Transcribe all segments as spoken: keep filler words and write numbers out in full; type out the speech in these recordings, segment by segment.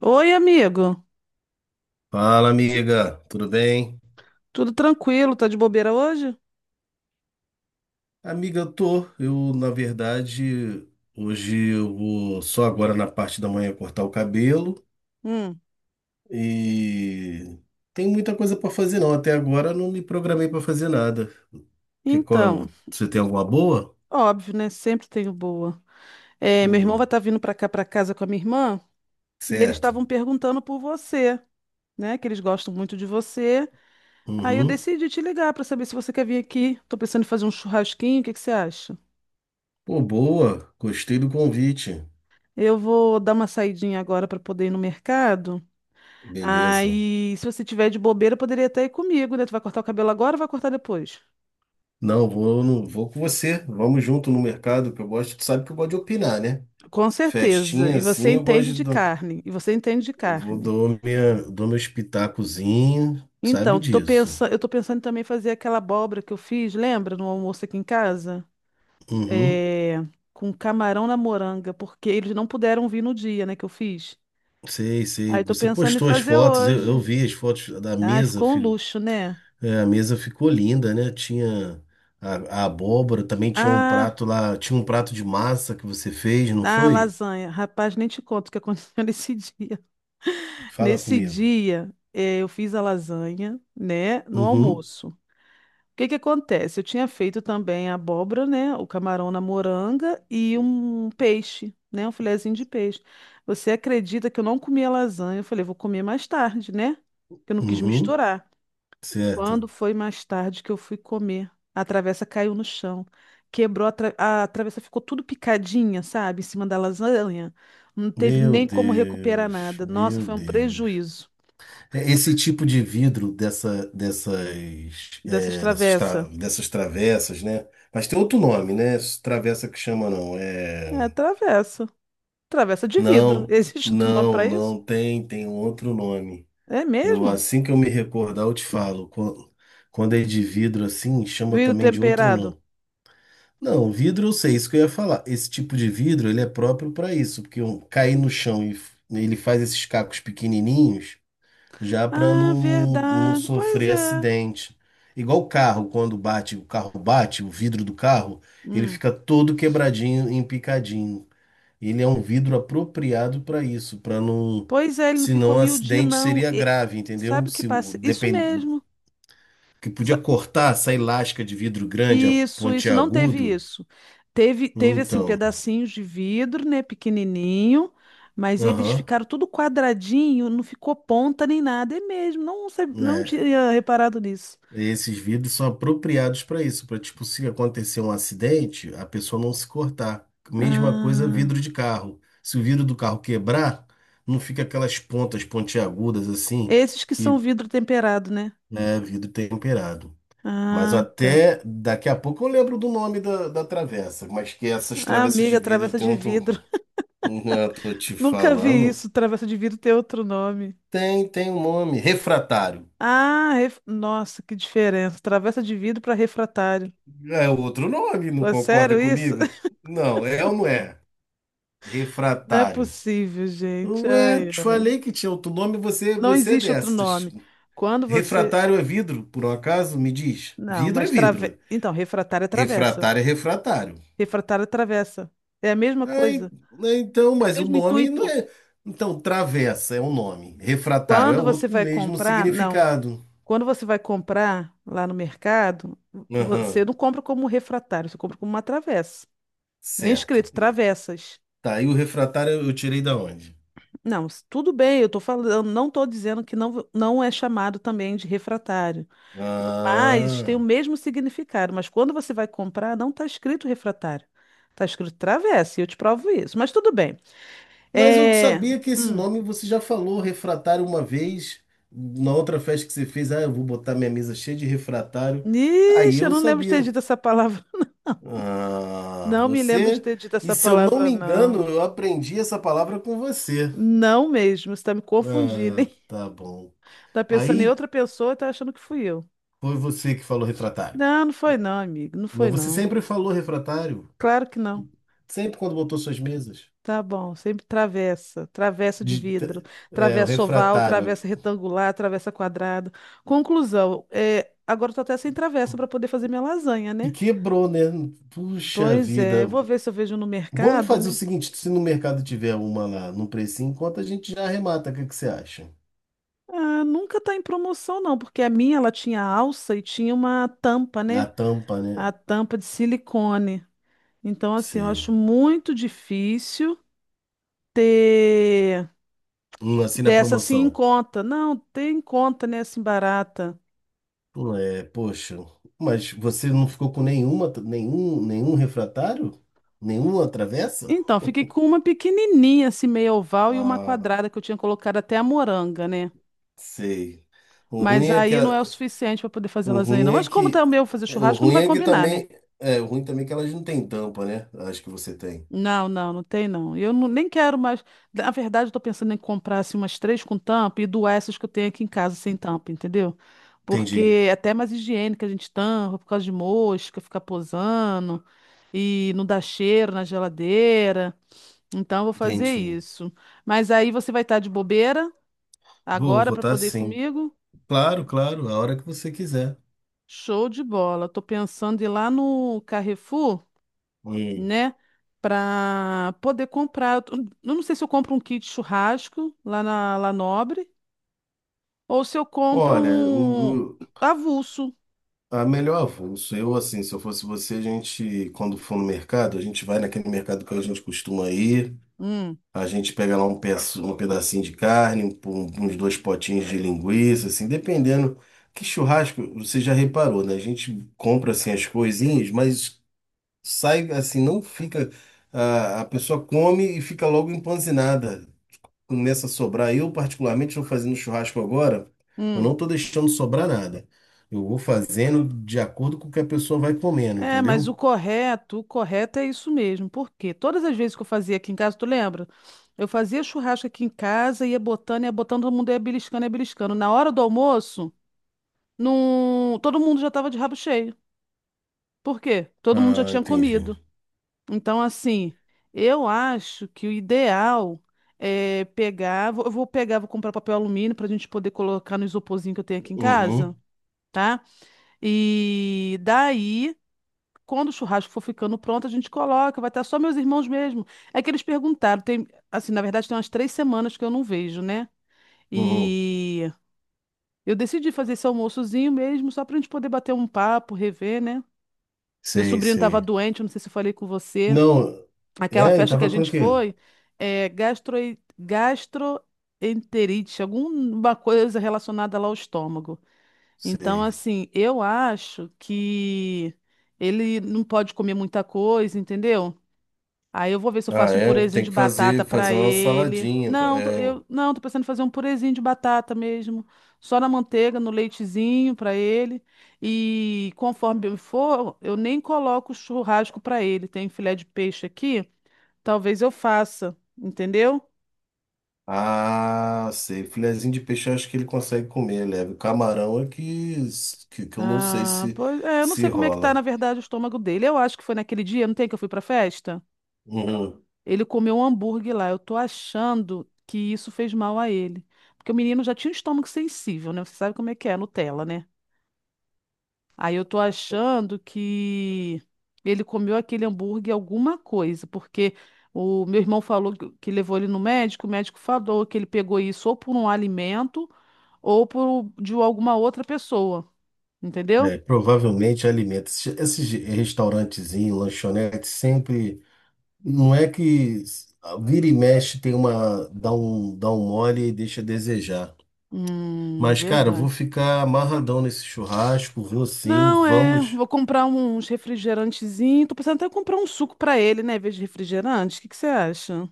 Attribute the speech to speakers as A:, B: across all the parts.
A: Oi, amigo.
B: Fala, amiga, tudo bem?
A: Tudo tranquilo? Tá de bobeira hoje?
B: Amiga, eu tô. Eu, na verdade, hoje eu vou só agora na parte da manhã cortar o cabelo
A: Hum.
B: e tem muita coisa pra fazer não. Até agora eu não me programei pra fazer nada. Que
A: Então,
B: qual? Você tem alguma boa?
A: óbvio, né? Sempre tenho boa. É, meu irmão vai
B: Hum,
A: estar vindo pra cá, pra casa com a minha irmã, e eles
B: certo.
A: estavam perguntando por você, né? Que eles gostam muito de você. Aí eu
B: Uhum.
A: decidi te ligar pra saber se você quer vir aqui. Tô pensando em fazer um churrasquinho, o que que você acha?
B: Pô, boa. Gostei do convite.
A: Eu vou dar uma saidinha agora pra poder ir no mercado.
B: Beleza.
A: Aí, se você tiver de bobeira, poderia até ir comigo, né? Tu vai cortar o cabelo agora ou vai cortar depois?
B: Não, vou, não, vou com você. Vamos junto no mercado que eu gosto. Tu sabe que eu gosto de opinar, né?
A: Com certeza.
B: Festinha
A: E você
B: assim, eu
A: entende
B: gosto.
A: de
B: De.
A: carne. E você entende de
B: Eu vou-
A: carne.
B: dou minha, dou meu pitacozinho, sabe
A: Então, tô
B: disso.
A: pensando, eu tô pensando em também fazer aquela abóbora que eu fiz, lembra, no almoço aqui em casa?
B: Uhum.
A: É, com camarão na moranga, porque eles não puderam vir no dia, né, que eu fiz.
B: Sei, sei.
A: Aí tô
B: Você
A: pensando em
B: postou as
A: fazer
B: fotos, eu, eu
A: hoje.
B: vi as fotos da
A: Ai,
B: mesa.
A: ficou um
B: Fi-
A: luxo, né?
B: É, a mesa ficou linda, né? Tinha a, a abóbora, também tinha um
A: Ah,
B: prato lá, tinha um prato de massa que você fez, não
A: ah,
B: foi?
A: lasanha. Rapaz, nem te conto o que aconteceu nesse dia.
B: Fala
A: Nesse
B: comigo.
A: dia, eh, eu fiz a lasanha, né, no
B: Uhum,
A: almoço. O que que acontece? Eu tinha feito também a abóbora, né? O camarão na moranga e um peixe, né? Um filezinho de peixe. Você acredita que eu não comi a lasanha? Eu falei, vou comer mais tarde, né? Que eu não quis
B: uhum,
A: misturar. Quando
B: certo.
A: foi mais tarde que eu fui comer, a travessa caiu no chão. Quebrou a, tra- a travessa, ficou tudo picadinha, sabe? Em cima da lasanha. Não teve
B: Meu
A: nem como recuperar
B: Deus,
A: nada. Nossa,
B: meu
A: foi um
B: Deus.
A: prejuízo
B: É esse tipo de vidro dessa, dessas,
A: dessas
B: é, dessas,
A: travessas.
B: tra- dessas travessas, né? Mas tem outro nome, né? Essa travessa que chama, não.
A: É,
B: É...
A: travessa. Travessa de vidro.
B: Não,
A: Existe outro nome
B: não,
A: para isso?
B: não tem, tem um outro nome.
A: É
B: Eu,
A: mesmo?
B: assim que eu me recordar, eu te falo. Quan- Quando é de vidro assim, chama
A: Vidro
B: também de outro
A: temperado.
B: nome. Não, vidro eu sei, isso que eu ia falar. Esse tipo de vidro, ele é próprio para isso, porque um, cair no chão e f- ele faz esses cacos pequenininhos. Já para
A: Ah,
B: não, não
A: verdade. Pois
B: sofrer
A: é.
B: acidente. Igual o carro, quando bate, o carro bate, o vidro do carro, ele
A: Hum.
B: fica todo quebradinho, empicadinho. Ele é um vidro apropriado para isso, para não,
A: Pois é, ele não ficou
B: senão o
A: miudinho,
B: acidente
A: não.
B: seria
A: E-
B: grave, entendeu?
A: sabe o que
B: Se o-
A: passa? Isso
B: depend,
A: mesmo.
B: que podia
A: Sa-
B: cortar essa elástica de vidro grande, a
A: Isso, isso. Não teve
B: pontiagudo.
A: isso. Teve, teve assim,
B: Então,
A: pedacinhos de vidro, né? Pequenininho. Mas eles
B: aham,
A: ficaram tudo quadradinho, não ficou ponta nem nada. É mesmo. Não, sab- não
B: é.
A: tinha reparado nisso.
B: É, esses vidros são apropriados para isso, para tipo, se acontecer um acidente, a pessoa não se cortar. Mesma coisa,
A: Ah,
B: vidro de carro. Se o vidro do carro quebrar, não fica aquelas pontas pontiagudas assim,
A: esses que são
B: que
A: vidro temperado, né?
B: é vidro temperado. Mas
A: Ah, tá.
B: até daqui a pouco eu lembro do nome da, da travessa, mas que essas
A: Ah,
B: travessas de
A: amiga,
B: vidro
A: travessa
B: tem
A: de vidro.
B: um. Eu tô te
A: Nunca vi
B: falando.
A: isso. Travessa de vidro ter outro nome.
B: Tem, tem um nome, refratário.
A: Ah, ref- nossa, que diferença. Travessa de vidro para refratário.
B: É outro nome, não
A: Pô, é
B: concorda
A: sério isso?
B: comigo? Não, é ou não é?
A: Não é
B: Refratário.
A: possível, gente.
B: Ué, eu
A: Ai,
B: te falei
A: ai.
B: que tinha outro nome, você,
A: Não
B: você é
A: existe outro
B: dessas.
A: nome. Quando você.
B: Refratário é vidro, por um acaso? Me diz.
A: Não,
B: Vidro é
A: mas trave...
B: vidro.
A: Então, refratário é travessa.
B: Refratário é refratário.
A: Refratário é travessa. É a mesma
B: Aí,
A: coisa.
B: né, então,
A: É o
B: mas o
A: mesmo
B: nome não
A: intuito.
B: é. Então, travessa é um nome. Refratário é
A: Quando você
B: outro com o
A: vai
B: mesmo
A: comprar, não.
B: significado.
A: Quando você vai comprar lá no mercado,
B: Aham,
A: você não compra como refratário, você compra como uma travessa. Vem
B: certo.
A: escrito travessas.
B: Tá, e o refratário eu tirei da onde?
A: Não, s- tudo bem, eu tô falando, não estou dizendo que não, não é chamado também de refratário, mas tem o
B: Ah.
A: mesmo significado. Mas quando você vai comprar, não está escrito refratário, está escrito travessa, e eu te provo isso. Mas tudo bem.
B: Mas eu
A: É...
B: sabia que esse
A: Hum.
B: nome você já falou, refratário, uma vez, na outra festa que você fez. Ah, eu vou botar minha mesa cheia de refratário. Aí
A: Ixi, eu
B: eu
A: não lembro de ter
B: sabia.
A: dito essa palavra, não.
B: Ah,
A: Não me lembro de
B: você.
A: ter dito
B: E
A: essa
B: se eu não
A: palavra,
B: me
A: não.
B: engano, eu aprendi essa palavra com você.
A: Não mesmo, você está me confundindo,
B: Ah,
A: hein?
B: tá bom.
A: Tá pensando em
B: Aí
A: outra pessoa e tá achando que fui eu.
B: foi você que falou refratário.
A: Não, não foi não, amigo, não foi
B: Mas você
A: não.
B: sempre falou refratário.
A: Claro que não.
B: Sempre quando botou suas mesas.
A: Tá bom, sempre travessa, travessa de vidro,
B: De- é, o
A: travessa oval,
B: refratário.
A: travessa retangular, travessa quadrado. Conclusão, é, agora eu tô até sem travessa para poder fazer minha lasanha,
B: Que
A: né?
B: quebrou, né? Puxa
A: Pois é,
B: vida.
A: eu vou ver se eu vejo no
B: Vamos
A: mercado,
B: fazer o
A: né?
B: seguinte, se no mercado tiver uma lá no precinho, enquanto a gente já arremata, o que que você acha?
A: Ah, nunca tá em promoção não, porque a minha ela tinha alça e tinha uma tampa,
B: Na
A: né?
B: tampa, né?
A: A tampa de silicone. Então assim, eu acho
B: Sei.
A: muito difícil ter
B: Hum, assim na
A: dessa assim em
B: promoção.
A: conta. Não, ter em conta, né, assim barata.
B: Hum, É, poxa, mas você não ficou com nenhuma, nenhum, nenhum refratário? Nenhuma travessa?
A: Então, fiquei com uma pequenininha, assim, meio oval, e uma
B: Ah,
A: quadrada que eu tinha colocado até a moranga, né?
B: sei. O ruim
A: Mas
B: é que
A: aí
B: a-
A: não é o suficiente para poder fazer
B: o
A: lasanha,
B: ruim
A: não.
B: é
A: Mas como tá
B: que
A: o meu fazer
B: O
A: churrasco, não
B: ruim
A: vai
B: é que
A: combinar, né?
B: também é, o ruim também é que elas não têm tampa, né? Acho que você tem.
A: Não, não, não tem não. Eu não- nem quero mais. Na verdade, eu tô pensando em comprar assim, umas três com tampa e doar essas que eu tenho aqui em casa sem tampa, entendeu? Porque
B: Entendi,
A: é até mais higiênica a gente tampa por causa de mosca, ficar posando e não dá cheiro na geladeira. Então, eu vou fazer
B: entendi.
A: isso. Mas aí você vai estar de bobeira.
B: Vou
A: Agora para
B: votar
A: poder ir
B: sim.
A: comigo?
B: Claro, claro, a hora que você quiser.
A: Show de bola. Tô pensando em ir lá no Carrefour,
B: Hum.
A: né? Para poder comprar. Eu tô- eu não sei se eu compro um kit churrasco lá na La Nobre ou se eu compro
B: Olha, o,
A: um
B: o-
A: avulso.
B: a melhor avulso, eu assim, se eu fosse você, a gente, quando for no mercado, a gente vai naquele mercado que a gente costuma ir,
A: Hum,
B: a gente pega lá um, peço, um pedacinho de carne, um- um- uns dois potinhos de linguiça, assim, dependendo. Que churrasco, você já reparou, né? A gente compra assim as coisinhas, mas sai assim, não fica. A, a pessoa come e fica logo empanzinada. Começa a sobrar. Eu, particularmente, estou fazendo churrasco agora. Eu não
A: hum.
B: estou deixando sobrar nada. Eu vou fazendo de acordo com o que a pessoa vai comendo,
A: É, mas o
B: entendeu?
A: correto, o correto é isso mesmo. Porque todas as vezes que eu fazia aqui em casa, tu lembra? Eu fazia churrasco aqui em casa, ia botando, ia botando, todo mundo ia beliscando, ia beliscando. Na hora do almoço, não... todo mundo já estava de rabo cheio. Por quê? Todo mundo já
B: Ah,
A: tinha
B: entendi.
A: comido. Então, assim, eu acho que o ideal é pegar. vou- Eu vou pegar, vou comprar papel alumínio para a gente poder colocar no isoporzinho que eu tenho aqui em casa,
B: Uhum,
A: tá? E daí, quando o churrasco for ficando pronto, a gente coloca. Vai estar só meus irmãos mesmo. É que eles perguntaram. Tem, assim, na verdade, tem umas três semanas que eu não vejo, né?
B: uhum.
A: E eu decidi fazer esse almoçozinho mesmo, só para a gente poder bater um papo, rever, né? Meu
B: Sei,
A: sobrinho estava
B: sei.
A: doente, eu não sei se eu falei com você.
B: Não,
A: Aquela
B: é, e
A: festa que a
B: tava com o
A: gente
B: quê?
A: foi, é gastro, gastroenterite, alguma coisa relacionada lá ao estômago. Então,
B: Sei.
A: assim, eu acho que ele não pode comer muita coisa, entendeu? Aí eu vou ver se eu
B: Ah,
A: faço um
B: é,
A: purezinho
B: tem
A: de
B: que
A: batata
B: fazer,
A: pra
B: fazer uma
A: ele.
B: saladinha. Tá?
A: Não, tô-
B: É.
A: eu não, tô pensando em fazer um purezinho de batata mesmo, só na manteiga, no leitezinho pra ele. E conforme eu for, eu nem coloco churrasco pra ele. Tem filé de peixe aqui. Talvez eu faça, entendeu?
B: Ah, sei. Filezinho de peixe eu acho que ele consegue comer, leve. Camarão é que, que, que eu não sei
A: Ah,
B: se,
A: pois é, eu não sei
B: se
A: como é que tá, na
B: rola.
A: verdade, o estômago dele. Eu acho que foi naquele dia, não tem que eu fui pra festa?
B: Uhum.
A: Ele comeu um hambúrguer lá. Eu tô achando que isso fez mal a ele. Porque o menino já tinha um estômago sensível, né? Você sabe como é que é, Nutella, né? Aí eu tô achando que ele comeu aquele hambúrguer alguma coisa, porque o meu irmão falou que que levou ele no médico, o médico falou que ele pegou isso ou por um alimento ou por de alguma outra pessoa, entendeu?
B: É, provavelmente alimenta. Esses esses restaurantezinhos, lanchonetes, sempre. Não é que s- vira e mexe, tem uma. Dá um, dá um mole e deixa a desejar.
A: Hum,
B: Mas, cara, eu vou
A: verdade.
B: ficar amarradão nesse churrasco, vou sim,
A: Não, é.
B: vamos.
A: Vou comprar uns refrigerantezinhos. Tô pensando até em comprar um suco pra ele, né? Em vez de refrigerante. O que que você acha?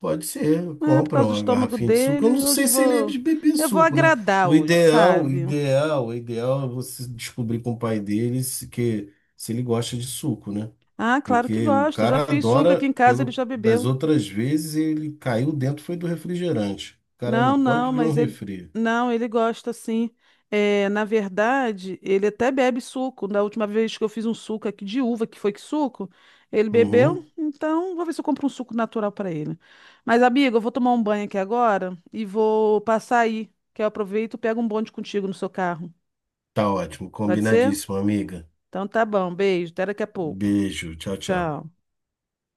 B: Pode ser,
A: É, por
B: compra
A: causa do
B: uma
A: estômago
B: garrafinha de suco. Eu não
A: dele, hoje
B: sei
A: eu
B: se ele é
A: vou.
B: de beber
A: Eu vou
B: suco, né?
A: agradar
B: O
A: hoje,
B: ideal, o
A: sabe?
B: ideal, o ideal é você descobrir com o pai dele se, que, se ele gosta de suco, né?
A: Ah, claro que
B: Porque o
A: gosto. Eu já
B: cara
A: fiz suco aqui
B: adora,
A: em casa, ele
B: pelo
A: já
B: das
A: bebeu.
B: outras vezes, ele caiu dentro, foi do refrigerante. O cara não
A: Não,
B: pode
A: não,
B: ver um
A: mas ele
B: refri.
A: não, ele gosta sim. É, na verdade, ele até bebe suco. Da última vez que eu fiz um suco aqui de uva, que foi que suco, ele bebeu.
B: Uhum.
A: Então, vou ver se eu compro um suco natural para ele. Mas, amiga, eu vou tomar um banho aqui agora e vou passar aí, que eu aproveito e pego um bonde contigo no seu carro.
B: Tá ótimo,
A: Pode ser?
B: combinadíssimo, amiga.
A: Então tá bom, beijo, até daqui a pouco.
B: Beijo, tchau, tchau.
A: Tchau.